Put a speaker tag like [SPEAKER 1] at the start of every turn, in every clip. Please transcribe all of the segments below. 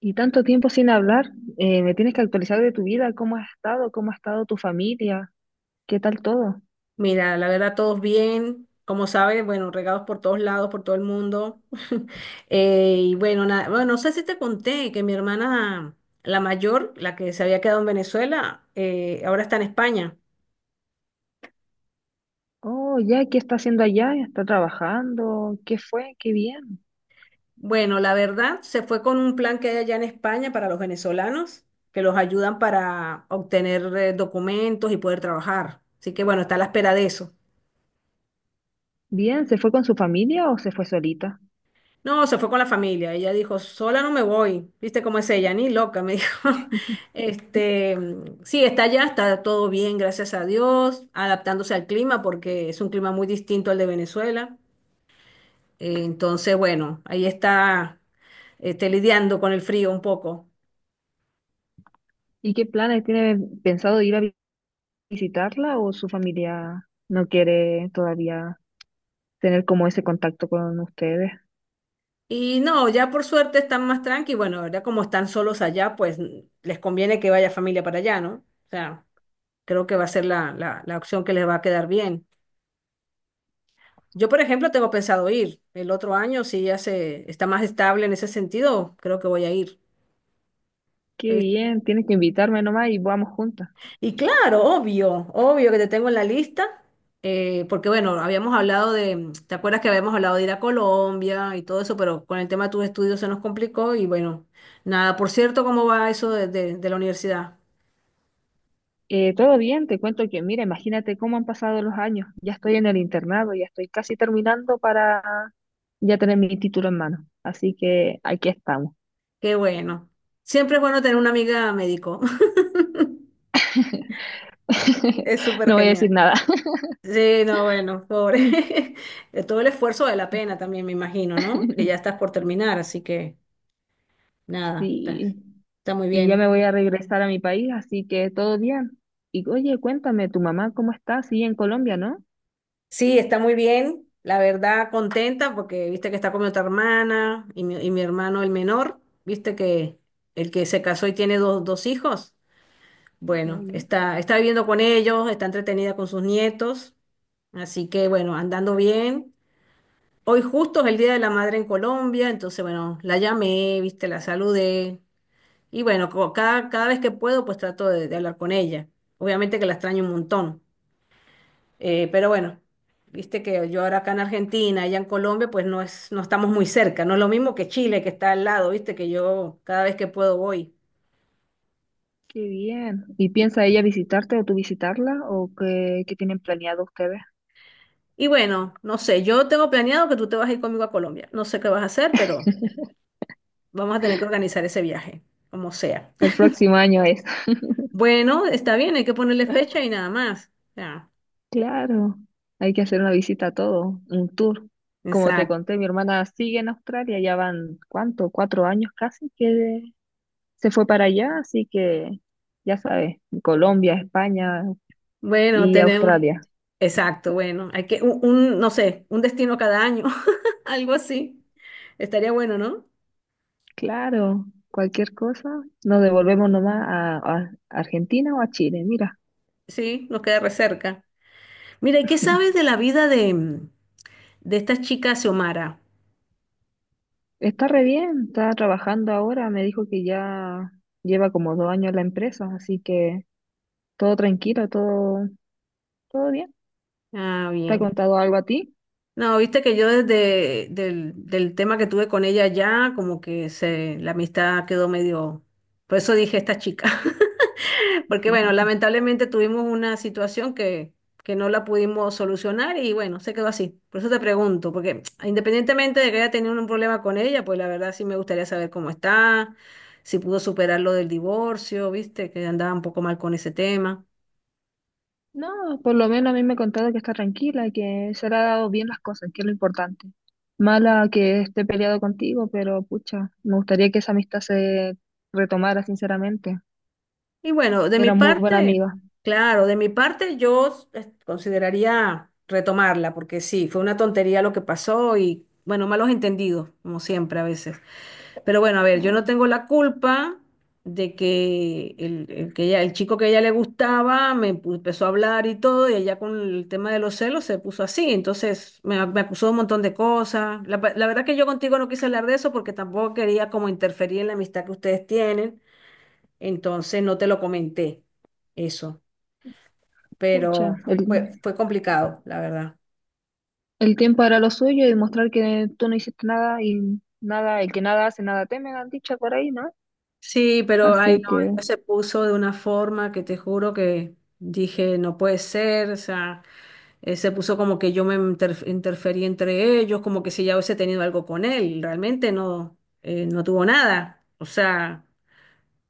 [SPEAKER 1] Y tanto tiempo sin hablar, me tienes que actualizar de tu vida, cómo has estado, cómo ha estado tu familia, qué tal todo.
[SPEAKER 2] Mira, la verdad, todos bien. Como sabes, bueno, regados por todos lados, por todo el mundo. Y bueno, nada, bueno, no sé si te conté que mi hermana, la mayor, la que se había quedado en Venezuela, ahora está en España.
[SPEAKER 1] Oh, ya, ¿qué está haciendo allá? ¿Está trabajando? ¿Qué fue? Qué bien.
[SPEAKER 2] Bueno, la verdad, se fue con un plan que hay allá en España para los venezolanos, que los ayudan para obtener documentos y poder trabajar. Así que bueno, está a la espera de eso.
[SPEAKER 1] Bien, ¿se fue con su familia o se fue solita?
[SPEAKER 2] No, se fue con la familia. Ella dijo, sola no me voy. ¿Viste cómo es ella? Ni loca, me dijo. Este, sí, está allá, está todo bien, gracias a Dios, adaptándose al clima porque es un clima muy distinto al de Venezuela. Entonces, bueno, ahí está, este, lidiando con el frío un poco.
[SPEAKER 1] ¿Y qué planes tiene pensado visitarla o su familia no quiere todavía tener como ese contacto con ustedes?
[SPEAKER 2] Y no, ya por suerte están más tranqui. Bueno, ahora como están solos allá, pues les conviene que vaya familia para allá, ¿no? O sea, creo que va a ser la opción que les va a quedar bien. Yo, por ejemplo, tengo pensado ir el otro año, si ya se está más estable en ese sentido, creo que voy a ir.
[SPEAKER 1] Qué
[SPEAKER 2] Eh,
[SPEAKER 1] bien, tienes que invitarme nomás y vamos juntas.
[SPEAKER 2] Y claro, obvio, obvio que te tengo en la lista, porque bueno, habíamos hablado de, ¿te acuerdas que habíamos hablado de ir a Colombia y todo eso, pero con el tema de tus estudios se nos complicó y bueno, nada, por cierto, ¿cómo va eso de, de la universidad?
[SPEAKER 1] Todo bien, te cuento que, mira, imagínate cómo han pasado los años. Ya estoy en el internado, ya estoy casi terminando para ya tener mi título en mano. Así que aquí estamos.
[SPEAKER 2] Qué bueno. Siempre es bueno tener una amiga médico, es súper
[SPEAKER 1] No voy a decir
[SPEAKER 2] genial.
[SPEAKER 1] nada.
[SPEAKER 2] Sí, no, bueno, pobre. De todo el esfuerzo vale la pena también, me imagino, ¿no? Que ya estás por terminar, así que nada, está,
[SPEAKER 1] Sí,
[SPEAKER 2] está muy
[SPEAKER 1] y ya me
[SPEAKER 2] bien.
[SPEAKER 1] voy a regresar a mi país, así que todo bien. Y oye, cuéntame, tu mamá, ¿cómo está? Sí, en Colombia, ¿no?
[SPEAKER 2] Sí, está muy bien. La verdad, contenta porque viste que está con mi otra hermana y mi hermano el menor, viste que el que se casó y tiene dos hijos. Bueno,
[SPEAKER 1] Oye,
[SPEAKER 2] está, está viviendo con ellos, está entretenida con sus nietos. Así que bueno, andando bien. Hoy justo es el Día de la Madre en Colombia, entonces bueno, la llamé, viste, la saludé. Y bueno, cada vez que puedo, pues trato de hablar con ella. Obviamente que la extraño un montón. Pero bueno, viste que yo ahora acá en Argentina, allá en Colombia, pues no es, no estamos muy cerca. No es lo mismo que Chile, que está al lado, viste, que yo cada vez que puedo voy.
[SPEAKER 1] qué bien. ¿Y piensa ella visitarte o tú visitarla o qué, qué tienen planeado ustedes?
[SPEAKER 2] Y bueno, no sé, yo tengo planeado que tú te vas a ir conmigo a Colombia. No sé qué vas a hacer, pero vamos a tener que organizar ese viaje, como sea.
[SPEAKER 1] El próximo año es.
[SPEAKER 2] Bueno, está bien, hay que ponerle fecha y nada más. Ya,
[SPEAKER 1] Claro, hay que hacer una visita a todo, un tour. Como te
[SPEAKER 2] exacto.
[SPEAKER 1] conté, mi hermana sigue en Australia, ya van, ¿cuánto? 4 años casi que se fue para allá, así que ya sabes, Colombia, España
[SPEAKER 2] Bueno,
[SPEAKER 1] y
[SPEAKER 2] tenemos.
[SPEAKER 1] Australia.
[SPEAKER 2] Exacto, bueno, hay que, no sé, un destino cada año, algo así. Estaría bueno, ¿no?
[SPEAKER 1] Claro, cualquier cosa, nos devolvemos nomás a Argentina o a Chile, mira.
[SPEAKER 2] Sí, nos queda re cerca. Mira, ¿y qué sabes de la vida de, de esta chica Xiomara?
[SPEAKER 1] Está re bien, está trabajando ahora, me dijo que ya lleva como 2 años en la empresa, así que todo tranquilo, todo, todo bien.
[SPEAKER 2] Ah,
[SPEAKER 1] ¿Te ha
[SPEAKER 2] bien.
[SPEAKER 1] contado algo a ti?
[SPEAKER 2] No, viste que yo desde del tema que tuve con ella ya, como que se, la amistad quedó medio... Por eso dije esta chica. Porque bueno, lamentablemente tuvimos una situación que no la pudimos solucionar y bueno, se quedó así. Por eso te pregunto, porque independientemente de que haya tenido un problema con ella, pues la verdad sí me gustaría saber cómo está, si pudo superar lo del divorcio, viste, que andaba un poco mal con ese tema.
[SPEAKER 1] No, por lo menos a mí me ha contado que está tranquila, que se le ha dado bien las cosas, que es lo importante. Mala que esté peleado contigo, pero pucha, me gustaría que esa amistad se retomara, sinceramente.
[SPEAKER 2] Y bueno, de mi
[SPEAKER 1] Era muy buena
[SPEAKER 2] parte,
[SPEAKER 1] amiga.
[SPEAKER 2] claro, de mi parte yo consideraría retomarla, porque sí, fue una tontería lo que pasó y bueno, malos entendidos, como siempre a veces. Pero bueno, a ver, yo no
[SPEAKER 1] Claro,
[SPEAKER 2] tengo la culpa de que el chico que a ella le gustaba empezó a hablar y todo, y ella con el tema de los celos se puso así. Entonces me acusó de un montón de cosas. La verdad que yo contigo no quise hablar de eso porque tampoco quería como interferir en la amistad que ustedes tienen. Entonces no te lo comenté eso.
[SPEAKER 1] pucha,
[SPEAKER 2] Pero fue complicado, la verdad.
[SPEAKER 1] el tiempo hará lo suyo y mostrar que tú no hiciste nada y nada, el que nada hace, nada teme, han dicho por ahí, ¿no?
[SPEAKER 2] Sí, pero ay
[SPEAKER 1] Así
[SPEAKER 2] no,
[SPEAKER 1] que,
[SPEAKER 2] ella se puso de una forma que te juro que dije, no puede ser, o sea. Se puso como que yo interferí entre ellos, como que si ya hubiese tenido algo con él. Realmente no, no tuvo nada. O sea,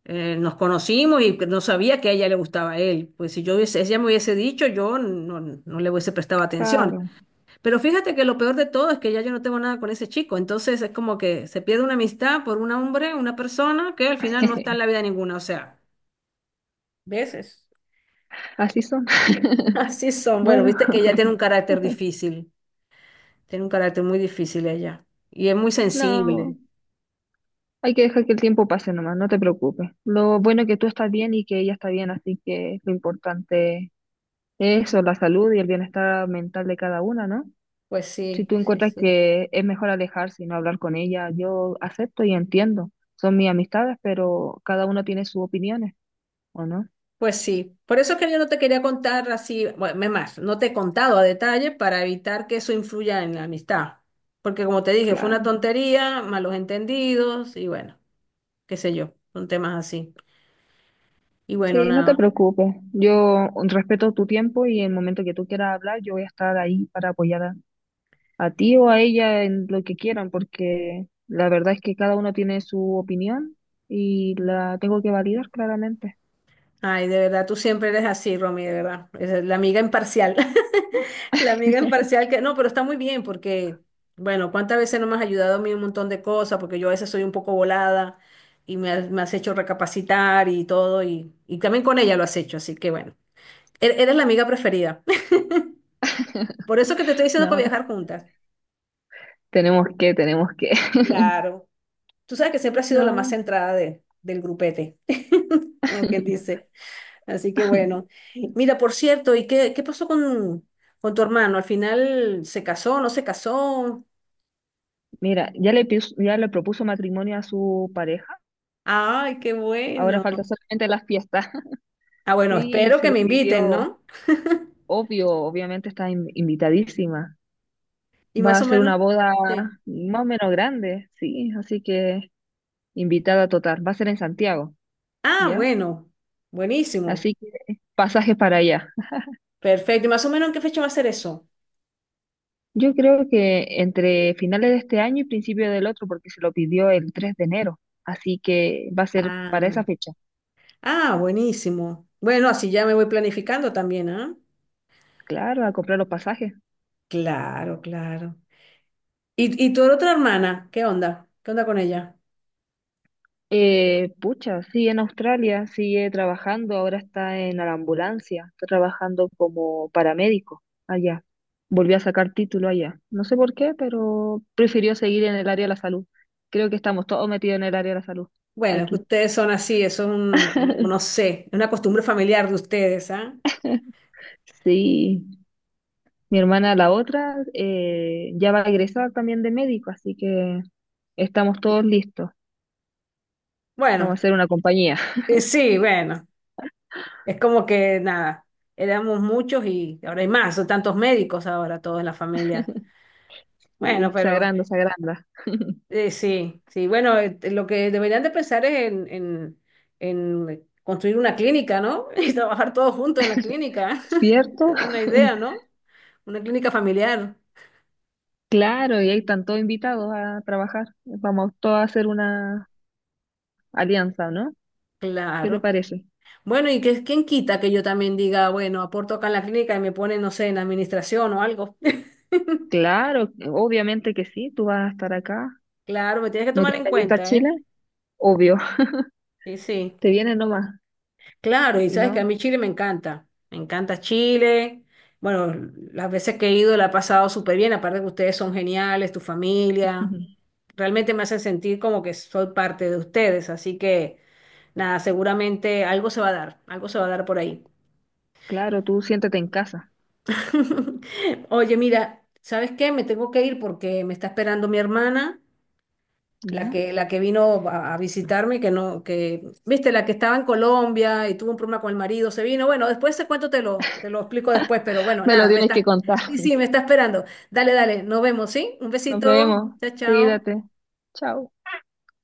[SPEAKER 2] nos conocimos y no sabía que a ella le gustaba a él. Pues si yo hubiese, si ella me hubiese dicho, yo no, no le hubiese prestado atención.
[SPEAKER 1] claro,
[SPEAKER 2] Pero fíjate que lo peor de todo es que ya yo no tengo nada con ese chico. Entonces es como que se pierde una amistad por un hombre, una persona que al final no está en la vida ninguna. O sea, veces.
[SPEAKER 1] así son.
[SPEAKER 2] Así son. Bueno,
[SPEAKER 1] Bueno,
[SPEAKER 2] viste que ella tiene un carácter difícil. Tiene un carácter muy difícil ella y es muy sensible.
[SPEAKER 1] no. Hay que dejar que el tiempo pase nomás, no te preocupes. Lo bueno es que tú estás bien y que ella está bien, así que lo importante es eso, la salud y el bienestar mental de cada una, ¿no?
[SPEAKER 2] Pues
[SPEAKER 1] Si
[SPEAKER 2] sí,
[SPEAKER 1] tú
[SPEAKER 2] sí,
[SPEAKER 1] encuentras
[SPEAKER 2] sí.
[SPEAKER 1] que es mejor alejarse y no hablar con ella, yo acepto y entiendo. Son mis amistades, pero cada uno tiene sus opiniones, ¿o no?
[SPEAKER 2] Pues sí. Por eso es que yo no te quería contar así, bueno, es más, no te he contado a detalle para evitar que eso influya en la amistad. Porque como te dije, fue una
[SPEAKER 1] Claro.
[SPEAKER 2] tontería, malos entendidos y bueno, qué sé yo, son temas así. Y bueno,
[SPEAKER 1] Sí, no te
[SPEAKER 2] nada.
[SPEAKER 1] preocupes. Yo respeto tu tiempo y en el momento que tú quieras hablar, yo voy a estar ahí para apoyar a ti o a ella en lo que quieran, porque la verdad es que cada uno tiene su opinión y la tengo que validar claramente.
[SPEAKER 2] Ay, de verdad, tú siempre eres así, Romy, de verdad. Esa es la amiga imparcial. La amiga imparcial que no, pero está muy bien porque, bueno, cuántas veces no me has ayudado a mí en un montón de cosas, porque yo a veces soy un poco volada y me has hecho recapacitar y todo, y también con ella lo has hecho, así que bueno, eres la amiga preferida. Por eso que te estoy diciendo para
[SPEAKER 1] No,
[SPEAKER 2] viajar juntas.
[SPEAKER 1] tenemos que, tenemos que.
[SPEAKER 2] Claro. Tú sabes que siempre has sido la más
[SPEAKER 1] No.
[SPEAKER 2] centrada de, del grupete, como quien dice. Así que bueno. Mira, por cierto, ¿y qué, qué pasó con tu hermano? ¿Al final se casó, no se casó?
[SPEAKER 1] Mira, ya le propuso matrimonio a su pareja,
[SPEAKER 2] Ay, qué
[SPEAKER 1] ahora
[SPEAKER 2] bueno.
[SPEAKER 1] falta solamente las fiestas.
[SPEAKER 2] Ah, bueno,
[SPEAKER 1] Sí,
[SPEAKER 2] espero
[SPEAKER 1] se
[SPEAKER 2] que
[SPEAKER 1] lo
[SPEAKER 2] me inviten,
[SPEAKER 1] pidió,
[SPEAKER 2] ¿no?
[SPEAKER 1] obvio, obviamente está invitadísima.
[SPEAKER 2] Y
[SPEAKER 1] Va
[SPEAKER 2] más
[SPEAKER 1] a
[SPEAKER 2] o
[SPEAKER 1] ser una
[SPEAKER 2] menos.
[SPEAKER 1] boda
[SPEAKER 2] Sí.
[SPEAKER 1] más o menos grande, sí, así que invitada total. Va a ser en Santiago,
[SPEAKER 2] Ah,
[SPEAKER 1] ¿ya?
[SPEAKER 2] bueno, buenísimo.
[SPEAKER 1] Así que pasajes para allá.
[SPEAKER 2] Perfecto. ¿Y más o menos en qué fecha va a ser eso?
[SPEAKER 1] Yo creo que entre finales de este año y principio del otro, porque se lo pidió el 3 de enero. Así que va a ser para
[SPEAKER 2] Ah,
[SPEAKER 1] esa fecha.
[SPEAKER 2] ah, buenísimo. Bueno, así ya me voy planificando también, ¿ah?
[SPEAKER 1] Claro, a comprar los pasajes.
[SPEAKER 2] Claro, claro. Y tu otra hermana? ¿Qué onda? ¿Qué onda con ella?
[SPEAKER 1] Pucha, sigue en Australia, sigue trabajando, ahora está en la ambulancia, está trabajando como paramédico allá. Volvió a sacar título allá. No sé por qué, pero prefirió seguir en el área de la salud. Creo que estamos todos metidos en el área de la salud
[SPEAKER 2] Bueno, es que
[SPEAKER 1] aquí.
[SPEAKER 2] ustedes son así, eso es un, como, no sé, una costumbre familiar de ustedes, ¿ah?
[SPEAKER 1] Sí. Mi hermana, la otra, ya va a egresar también de médico, así que estamos todos listos. Vamos a
[SPEAKER 2] Bueno,
[SPEAKER 1] hacer una compañía.
[SPEAKER 2] sí, bueno. Es como que nada, éramos muchos y ahora hay más, son tantos médicos ahora, todos en la familia. Bueno,
[SPEAKER 1] Sí, se
[SPEAKER 2] pero
[SPEAKER 1] agranda, se agranda.
[SPEAKER 2] sí, sí, bueno, lo que deberían de pensar es en construir una clínica, ¿no? Y trabajar todos juntos en la clínica.
[SPEAKER 1] ¿Cierto?
[SPEAKER 2] Una idea, ¿no? Una clínica familiar,
[SPEAKER 1] Claro, y ahí están todos invitados a trabajar. Vamos todos a hacer una alianza, ¿no? ¿Qué te
[SPEAKER 2] claro.
[SPEAKER 1] parece?
[SPEAKER 2] Bueno, y que, quién quita que yo también diga, bueno, aporto acá en la clínica y me ponen, no sé, en administración o algo.
[SPEAKER 1] Claro, obviamente que sí, tú vas a estar acá.
[SPEAKER 2] Claro, me tienes que
[SPEAKER 1] ¿No
[SPEAKER 2] tomar
[SPEAKER 1] quieres
[SPEAKER 2] en
[SPEAKER 1] venirte a
[SPEAKER 2] cuenta, ¿eh?
[SPEAKER 1] Chile? Obvio,
[SPEAKER 2] Sí, sí.
[SPEAKER 1] te vienes nomás.
[SPEAKER 2] Claro, y
[SPEAKER 1] Si
[SPEAKER 2] sabes
[SPEAKER 1] no,
[SPEAKER 2] que a mí Chile me encanta Chile. Bueno, las veces que he ido la he pasado súper bien, aparte que ustedes son geniales, tu familia, realmente me hace sentir como que soy parte de ustedes, así que nada, seguramente algo se va a dar, algo se va a dar por ahí.
[SPEAKER 1] claro, tú siéntate en casa,
[SPEAKER 2] Oye, mira, ¿sabes qué? Me tengo que ir porque me está esperando mi hermana la
[SPEAKER 1] ¿ya?
[SPEAKER 2] que, la que vino a visitarme, que no, que, viste, la que estaba en Colombia y tuvo un problema con el marido, se vino. Bueno, después ese cuento te lo explico después, pero bueno,
[SPEAKER 1] Me lo
[SPEAKER 2] nada, me
[SPEAKER 1] tienes que
[SPEAKER 2] estás,
[SPEAKER 1] contar.
[SPEAKER 2] sí, sí, me está esperando. Dale, dale, nos vemos, ¿sí? Un
[SPEAKER 1] Nos
[SPEAKER 2] besito,
[SPEAKER 1] vemos,
[SPEAKER 2] chao, chao.
[SPEAKER 1] cuídate. Chao.